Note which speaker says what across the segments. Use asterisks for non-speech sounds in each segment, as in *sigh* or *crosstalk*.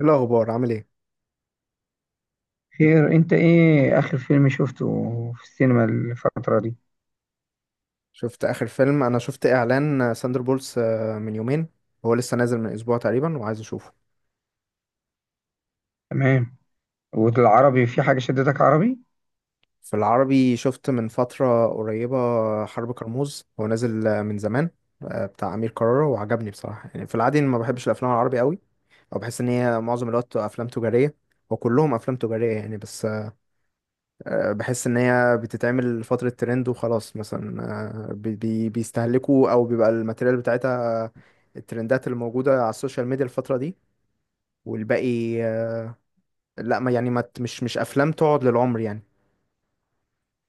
Speaker 1: إيه الأخبار؟ عامل ايه؟
Speaker 2: خير، انت ايه اخر فيلم شفته في السينما الفترة دي؟
Speaker 1: شفت آخر فيلم، أنا شفت إعلان ساندر بولس من يومين. هو لسه نازل من أسبوع تقريبا وعايز أشوفه.
Speaker 2: تمام. والعربي في حاجة شدتك عربي؟
Speaker 1: في العربي شفت من فترة قريبة حرب كرموز، هو نازل من زمان، بتاع أمير كرارة، وعجبني بصراحة. يعني في العادي أنا ما بحبش الأفلام العربي قوي، أو بحس إن هي معظم الوقت أفلام تجارية، وكلهم أفلام تجارية يعني. بس بحس ان هي بتتعمل فترة ترند وخلاص مثلا. بيستهلكوا او بيبقى الماتيريال بتاعتها، الترندات اللي موجودة على السوشيال ميديا الفترة دي، والباقي لا، ما يعني، ما ت- مش افلام تقعد للعمر يعني.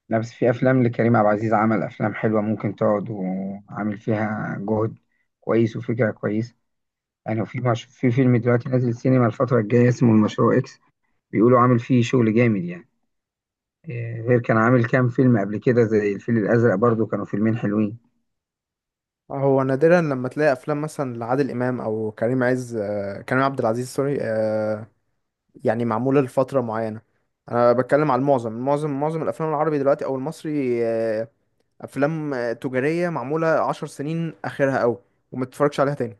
Speaker 2: لا، بس في افلام لكريم عبد العزيز، عمل افلام حلوة ممكن تقعد وعامل فيها جهد كويس وفكرة كويسة يعني. وفي مش... في فيلم دلوقتي نازل السينما الفترة الجاية اسمه المشروع اكس، بيقولوا عامل فيه شغل جامد يعني. غير كان عامل كام فيلم قبل كده زي الفيل الازرق، برضو كانوا فيلمين حلوين.
Speaker 1: هو نادرا لما تلاقي افلام مثلا لعادل امام او كريم عز، كريم عبد العزيز، سوري، يعني معمولة لفترة معينة. انا بتكلم على المعظم، معظم الافلام العربي دلوقتي او المصري، افلام تجارية معمولة 10 سنين اخرها قوي، وما تتفرجش عليها تاني.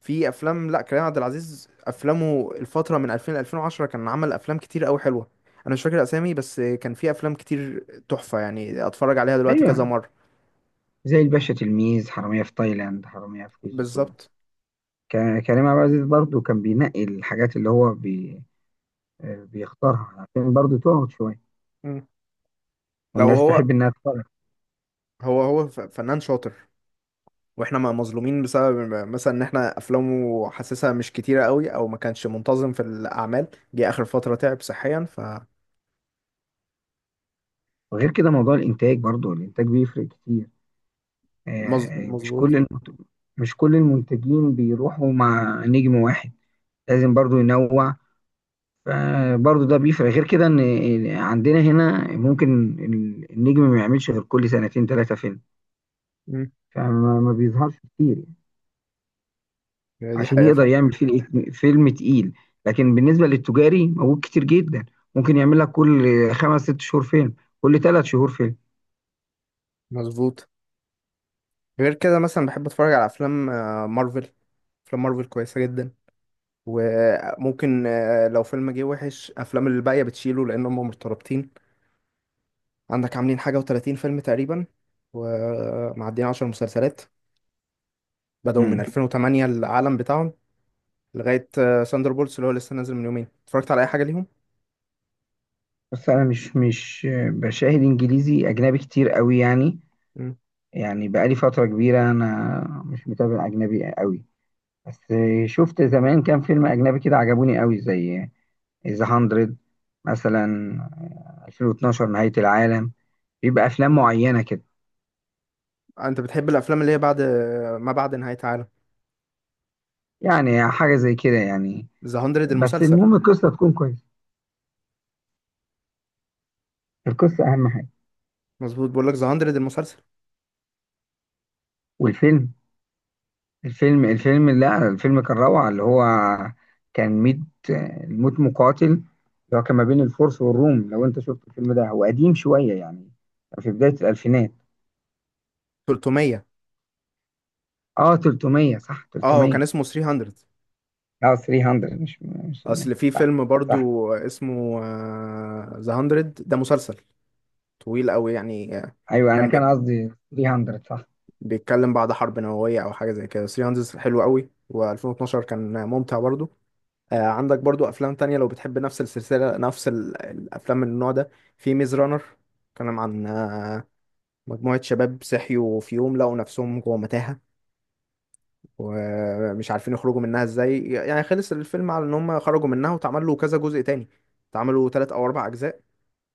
Speaker 1: في افلام، لا، كريم عبد العزيز افلامه الفتره من 2000 ل 2010 كان عمل افلام كتير قوي حلوه. انا مش فاكر اسامي، بس كان في افلام كتير تحفه يعني اتفرج عليها دلوقتي كذا
Speaker 2: ايوه،
Speaker 1: مره.
Speaker 2: زي الباشا، تلميذ، حرامية في تايلاند، حرامية في كي جي 2.
Speaker 1: بالظبط.
Speaker 2: كريم عبد العزيز برضو كان بينقي الحاجات اللي هو بي آه، بيختارها عشان برضو تقعد شوية
Speaker 1: مم. لو
Speaker 2: والناس
Speaker 1: هو،
Speaker 2: تحب إنها تتفرج.
Speaker 1: هو فنان شاطر، واحنا مظلومين بسبب مثلا ان احنا افلامه حاسسها مش كتيره قوي، او ما كانش منتظم في الاعمال، جه اخر فتره تعب صحيا ف...
Speaker 2: وغير كده موضوع الإنتاج، برضو الإنتاج بيفرق كتير. آه، مش كل
Speaker 1: مظبوط.
Speaker 2: المنت- مش كل المنتجين بيروحوا مع نجم واحد، لازم برضو ينوع. فبرضو ده بيفرق. غير كده إن عندنا هنا ممكن النجم ما يعملش غير كل سنتين ثلاثة فيلم،
Speaker 1: مم.
Speaker 2: فما ما بيظهرش كتير
Speaker 1: هي دي
Speaker 2: عشان
Speaker 1: حقيقه
Speaker 2: يقدر
Speaker 1: فعلا.
Speaker 2: يعمل فيه فيلم تقيل. لكن بالنسبة للتجاري، موجود كتير جدا، ممكن يعمل لك كل خمس ست شهور فيلم، كل ثلاث شهور فيلم.
Speaker 1: مظبوط. غير كده مثلا بحب اتفرج على افلام مارفل. افلام مارفل كويسه جدا، وممكن لو فيلم جه وحش، افلام اللي الباقيه بتشيله لان هم مرتبطين. عندك عاملين حاجه و30 فيلم تقريبا، ومعديين 10 مسلسلات، بدأوا من
Speaker 2: امم.
Speaker 1: 2008 العالم بتاعهم لغايه ساندر بولتس اللي هو لسه نازل من يومين. اتفرجت على اي حاجه ليهم؟
Speaker 2: بس انا مش بشاهد انجليزي اجنبي كتير قوي يعني.
Speaker 1: مم.
Speaker 2: يعني بقالي فترة كبيرة انا مش متابع اجنبي قوي. بس شفت زمان كام فيلم اجنبي كده عجبوني قوي، زي ذا 100 مثلا، 2012 نهاية العالم. بيبقى افلام معينة كده.
Speaker 1: انت بتحب الافلام اللي هي بعد، ما بعد نهايه عالم؟
Speaker 2: يعني حاجة زي كده يعني.
Speaker 1: ذا 100
Speaker 2: بس
Speaker 1: المسلسل.
Speaker 2: المهم القصه تكون كويسه، القصه اهم حاجه.
Speaker 1: مظبوط، بقول لك ذا 100 المسلسل.
Speaker 2: والفيلم الفيلم الفيلم لا الفيلم كان روعه، اللي هو كان ميت، الموت مقاتل، اللي هو كان ما بين الفرس والروم. لو انت شفت الفيلم ده، هو قديم شويه يعني، كان في بدايه الالفينات.
Speaker 1: 300.
Speaker 2: اه، 300، صح،
Speaker 1: اه كان
Speaker 2: 300.
Speaker 1: اسمه 300.
Speaker 2: اه، 300، مش 300.
Speaker 1: اصل في
Speaker 2: صح،
Speaker 1: فيلم
Speaker 2: صح.
Speaker 1: برضو اسمه ذا 100، ده مسلسل طويل قوي يعني.
Speaker 2: ايوه، انا
Speaker 1: كان
Speaker 2: كان
Speaker 1: بيك-
Speaker 2: قصدي 300، صح.
Speaker 1: بيتكلم بعد حرب نووية أو حاجة زي كده. 300 حلو قوي، و2012 كان ممتع برضو. آه عندك برضو أفلام تانية لو بتحب نفس السلسلة، نفس الأفلام من النوع ده. في ميز رانر، كان عن مجموعة شباب صحيوا في يوم لقوا نفسهم جوه متاهة ومش عارفين يخرجوا منها ازاي. يعني خلص الفيلم على ان هم خرجوا منها، واتعمل له كذا جزء تاني، اتعملوا تلات او اربع اجزاء.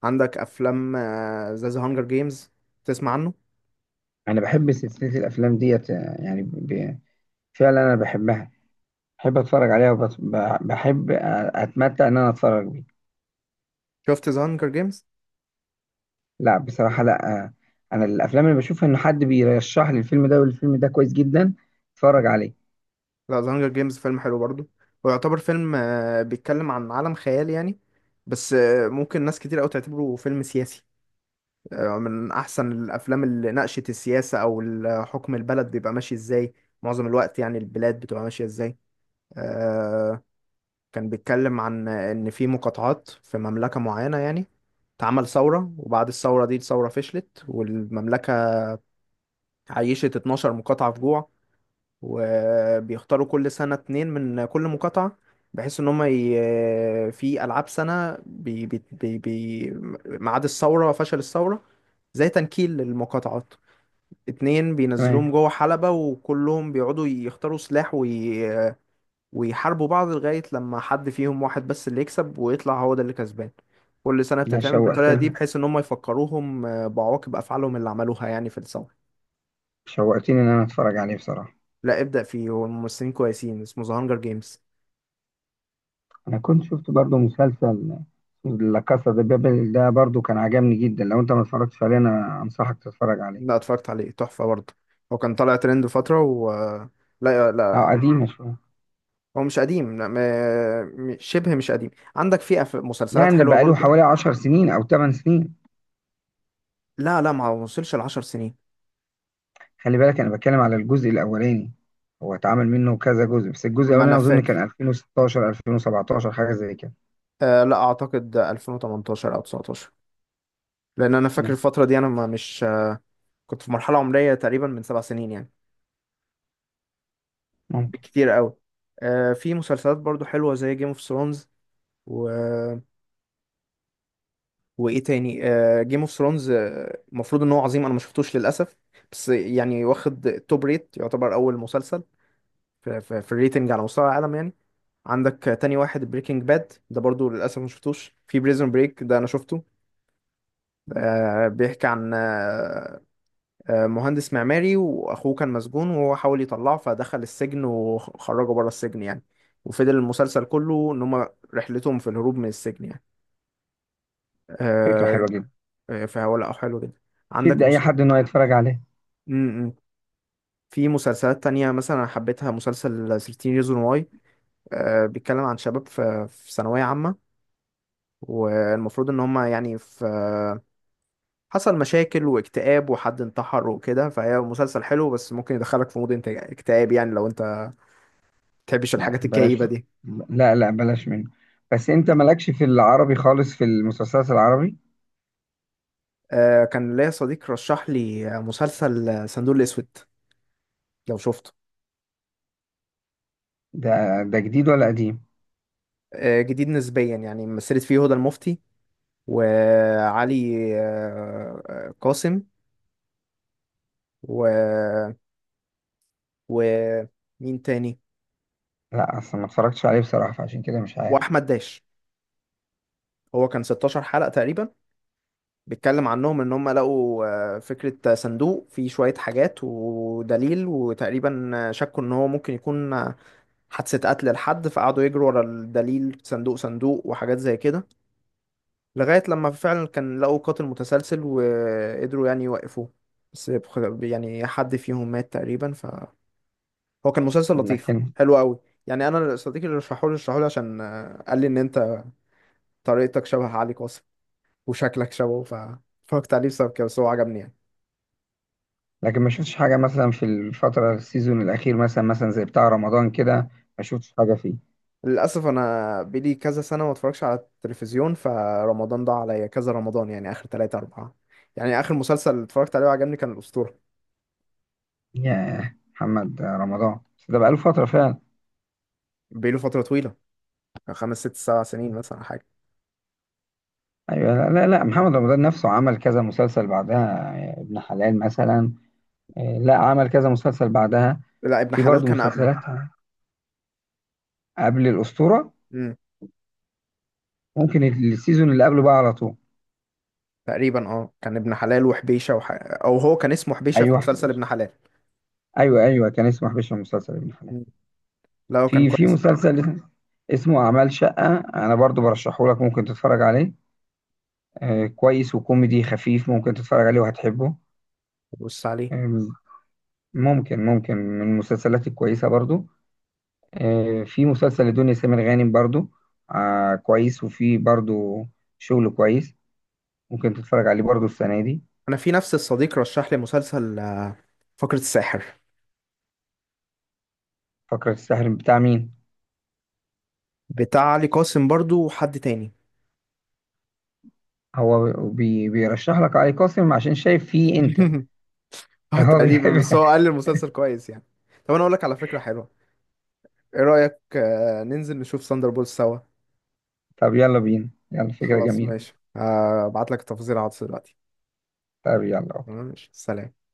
Speaker 1: عندك افلام زي ذا هانجر جيمز، تسمع عنه؟
Speaker 2: انا بحب سلسله الافلام ديت، يعني فعلا انا بحبها، بحب اتفرج عليها وبحب اتمتع ان انا اتفرج بيها.
Speaker 1: شفت ذا هانجر جيمز؟
Speaker 2: لا، بصراحة لا. أنا الأفلام اللي بشوفها إن حد بيرشح لي الفيلم ده والفيلم ده كويس جدا أتفرج عليه.
Speaker 1: لا، زهانجر جيمز فيلم حلو برضه. هو يعتبر فيلم، بيتكلم عن عالم خيال يعني. بس ممكن ناس كتير قوي تعتبره فيلم سياسي. من احسن الافلام اللي ناقشت السياسة او حكم البلد بيبقى ماشي ازاي، معظم الوقت يعني البلاد بتبقى ماشية ازاي. آه، كان بيتكلم عن ان في مقاطعات في مملكة معينة يعني، اتعمل ثورة، وبعد الثورة دي الثورة فشلت، والمملكة عيشت 12 مقاطعة في جوع. وبيختاروا كل سنة اتنين من كل مقاطعة، بحيث ان هم في العاب سنة ميعاد الثورة وفشل الثورة، زي تنكيل للمقاطعات. اتنين
Speaker 2: تمام.
Speaker 1: بينزلوهم جوه حلبة، وكلهم بيقعدوا يختاروا سلاح ويحاربوا بعض لغاية لما حد فيهم، واحد بس اللي يكسب ويطلع، هو ده اللي كسبان. كل سنة
Speaker 2: لا،
Speaker 1: بتتعمل بالطريقة دي،
Speaker 2: شوقتني،
Speaker 1: بحيث ان هم يفكروهم بعواقب افعالهم اللي عملوها يعني في الثورة.
Speaker 2: شوقتني إن أنا أتفرج عليه بصراحة.
Speaker 1: لا، ابدأ فيه، هو الممثلين كويسين، اسمه ذا هانجر جيمز.
Speaker 2: أنا كنت شفت برضو مسلسل لا كاسا دي بابل، ده برضو كان عجبني جدا. لو أنت ما اتفرجتش عليه، أنا أنصحك تتفرج
Speaker 1: لا،
Speaker 2: عليه.
Speaker 1: اتفرجت عليه تحفة برضه. هو كان طالع ترند فترة و... لا لا،
Speaker 2: أه
Speaker 1: حلو.
Speaker 2: قديم شوية،
Speaker 1: هو مش قديم، لا م... م- شبه مش قديم. عندك في مسلسلات
Speaker 2: يعني
Speaker 1: حلوة
Speaker 2: بقاله
Speaker 1: برضه.
Speaker 2: حوالي عشر سنين أو تمن سنين.
Speaker 1: لا لا، ما وصلش ال10 سنين.
Speaker 2: خلي بالك، أنا بتكلم على الجزء الأولاني. هو اتعمل منه كذا جزء، بس الجزء
Speaker 1: ما أنا
Speaker 2: الأولاني أظن
Speaker 1: فاكر.
Speaker 2: كان 2016 2017، حاجة زي كده.
Speaker 1: آه لا، أعتقد 2018 أو 19، لأن أنا فاكر
Speaker 2: ممكن
Speaker 1: الفترة دي أنا ما مش كنت في مرحلة عمرية تقريبا من 7 سنين يعني،
Speaker 2: ممكن
Speaker 1: بالكتير قوي. آه في مسلسلات برضه حلوة زي جيم اوف ثرونز. وايه تاني؟ جيم اوف ثرونز المفروض ان هو عظيم، انا ما شفتوش للاسف. بس يعني واخد توب ريت، يعتبر اول مسلسل في الريتنج على مستوى العالم يعني. عندك تاني واحد، بريكنج باد، ده برضو للاسف ما شفتوش. في بريزون بريك ده انا شفته. بيحكي عن مهندس معماري واخوه كان مسجون، وهو حاول يطلعه فدخل السجن وخرجه بره السجن يعني. وفضل المسلسل كله ان هم رحلتهم في الهروب من السجن يعني.
Speaker 2: فكرة
Speaker 1: آه،
Speaker 2: حلوة جدا،
Speaker 1: فهو لا، حلو جدا.
Speaker 2: شد
Speaker 1: عندك
Speaker 2: أي
Speaker 1: مس...
Speaker 2: حد إن هو يتفرج عليه.
Speaker 1: م- م. في مسلسلات تانية مثلا أنا حبيتها، مسلسل 13 Reasons Why. بيتكلم عن شباب في في ثانوية عامة، والمفروض إن هما يعني في... حصل مشاكل واكتئاب وحد انتحر وكده، فهي مسلسل حلو، بس ممكن يدخلك في مود اكتئاب يعني لو أنت بتحبش
Speaker 2: لا،
Speaker 1: الحاجات
Speaker 2: بلاش
Speaker 1: الكئيبة
Speaker 2: منه.
Speaker 1: دي.
Speaker 2: لا، لا، بلاش منه. بس أنت مالكش في العربي خالص، في المسلسلات العربي.
Speaker 1: كان ليا صديق رشح لي مسلسل صندوق الأسود، لو شفته.
Speaker 2: ده ده جديد ولا قديم؟
Speaker 1: جديد نسبيا يعني. مثلت فيه هدى المفتي، وعلي قاسم، و... ومين تاني؟
Speaker 2: لا، أصلا ما اتفرجتش عليه بصراحة، فعشان كده مش عارف.
Speaker 1: واحمد داش. هو كان 16 حلقة تقريبا، بيتكلم عنهم ان هم لقوا فكرة صندوق فيه شوية حاجات ودليل، وتقريبا شكوا ان هو ممكن يكون حادثة قتل لحد، فقعدوا يجروا ورا الدليل، صندوق صندوق وحاجات زي كده، لغاية لما فعلا كان لقوا قاتل متسلسل وقدروا يعني يوقفوه. بس يعني حد فيهم مات تقريبا. فهو كان مسلسل لطيف
Speaker 2: لكن
Speaker 1: حلو قوي يعني. انا صديقي اللي رشحهولي عشان قال لي ان انت طريقتك شبه علي قاسم وشكلك شبهه، فاتفرجت عليه بسبب كده، بس هو عجبني يعني.
Speaker 2: لكن ما شفتش حاجة، مثلا في الفترة السيزون الأخير، مثلا زي بتاع رمضان كده، ما شفتش حاجة فيه.
Speaker 1: للأسف أنا بقالي كذا سنة ما اتفرجش على التلفزيون، فرمضان ضاع عليا كذا رمضان يعني، آخر تلاتة أربعة. يعني آخر مسلسل اتفرجت عليه وعجبني كان الأسطورة.
Speaker 2: ياه، محمد رمضان، بس ده بقاله فترة فعلا.
Speaker 1: بقاله فترة طويلة، كان 5 6 7 سنين مثلا حاجة.
Speaker 2: أيوة، لا، لا، لا، محمد رمضان نفسه عمل كذا مسلسل بعدها. ابن حلال مثلا. لا عمل كذا مسلسل بعدها.
Speaker 1: لا، ابن
Speaker 2: في
Speaker 1: حلال
Speaker 2: برضه
Speaker 1: كان قبله.
Speaker 2: مسلسلات قبل الأسطورة.
Speaker 1: امم،
Speaker 2: ممكن السيزون اللي قبله بقى على طول.
Speaker 1: تقريبا. اه كان ابن حلال وحبيشة أو هو كان اسمه حبيشة في
Speaker 2: أيوه،
Speaker 1: مسلسل
Speaker 2: حبيش.
Speaker 1: ابن حلال.
Speaker 2: أيوه، أيوه، كان اسمه حبيش المسلسل ابن حلال.
Speaker 1: مم. لا هو كان
Speaker 2: في
Speaker 1: كويس.
Speaker 2: مسلسل اسمه أعمال شقة، أنا برضه برشحه لك، ممكن تتفرج عليه. آه كويس وكوميدي خفيف، ممكن تتفرج عليه وهتحبه.
Speaker 1: بص عليه.
Speaker 2: آه. ممكن من المسلسلات الكويسة برضه. آه، في مسلسل لدنيا سمير غانم برضه، آه كويس وفي برضه شغل كويس، ممكن تتفرج عليه برضه السنة دي.
Speaker 1: أنا في نفس الصديق رشح لي مسلسل فقرة الساحر.
Speaker 2: فقرة السحر بتاع مين؟
Speaker 1: بتاع علي قاسم برضو وحد تاني.
Speaker 2: هو بيرشح لك علي قاسم عشان شايف فيه انت.
Speaker 1: *laughs* اه
Speaker 2: فهو
Speaker 1: تقريبا، بس
Speaker 2: بيحب.
Speaker 1: هو قال لي المسلسل كويس يعني. طب انا اقول لك على فكرة حلوة، ايه رأيك ننزل نشوف ساندر بولز سوا؟
Speaker 2: *laughs* طب يلا بينا، يلا، فكرة
Speaker 1: خلاص
Speaker 2: جميلة.
Speaker 1: ماشي، ابعت لك التفاصيل على الواتس دلوقتي.
Speaker 2: طب يلا.
Speaker 1: تمام؟ ماشي، سلام.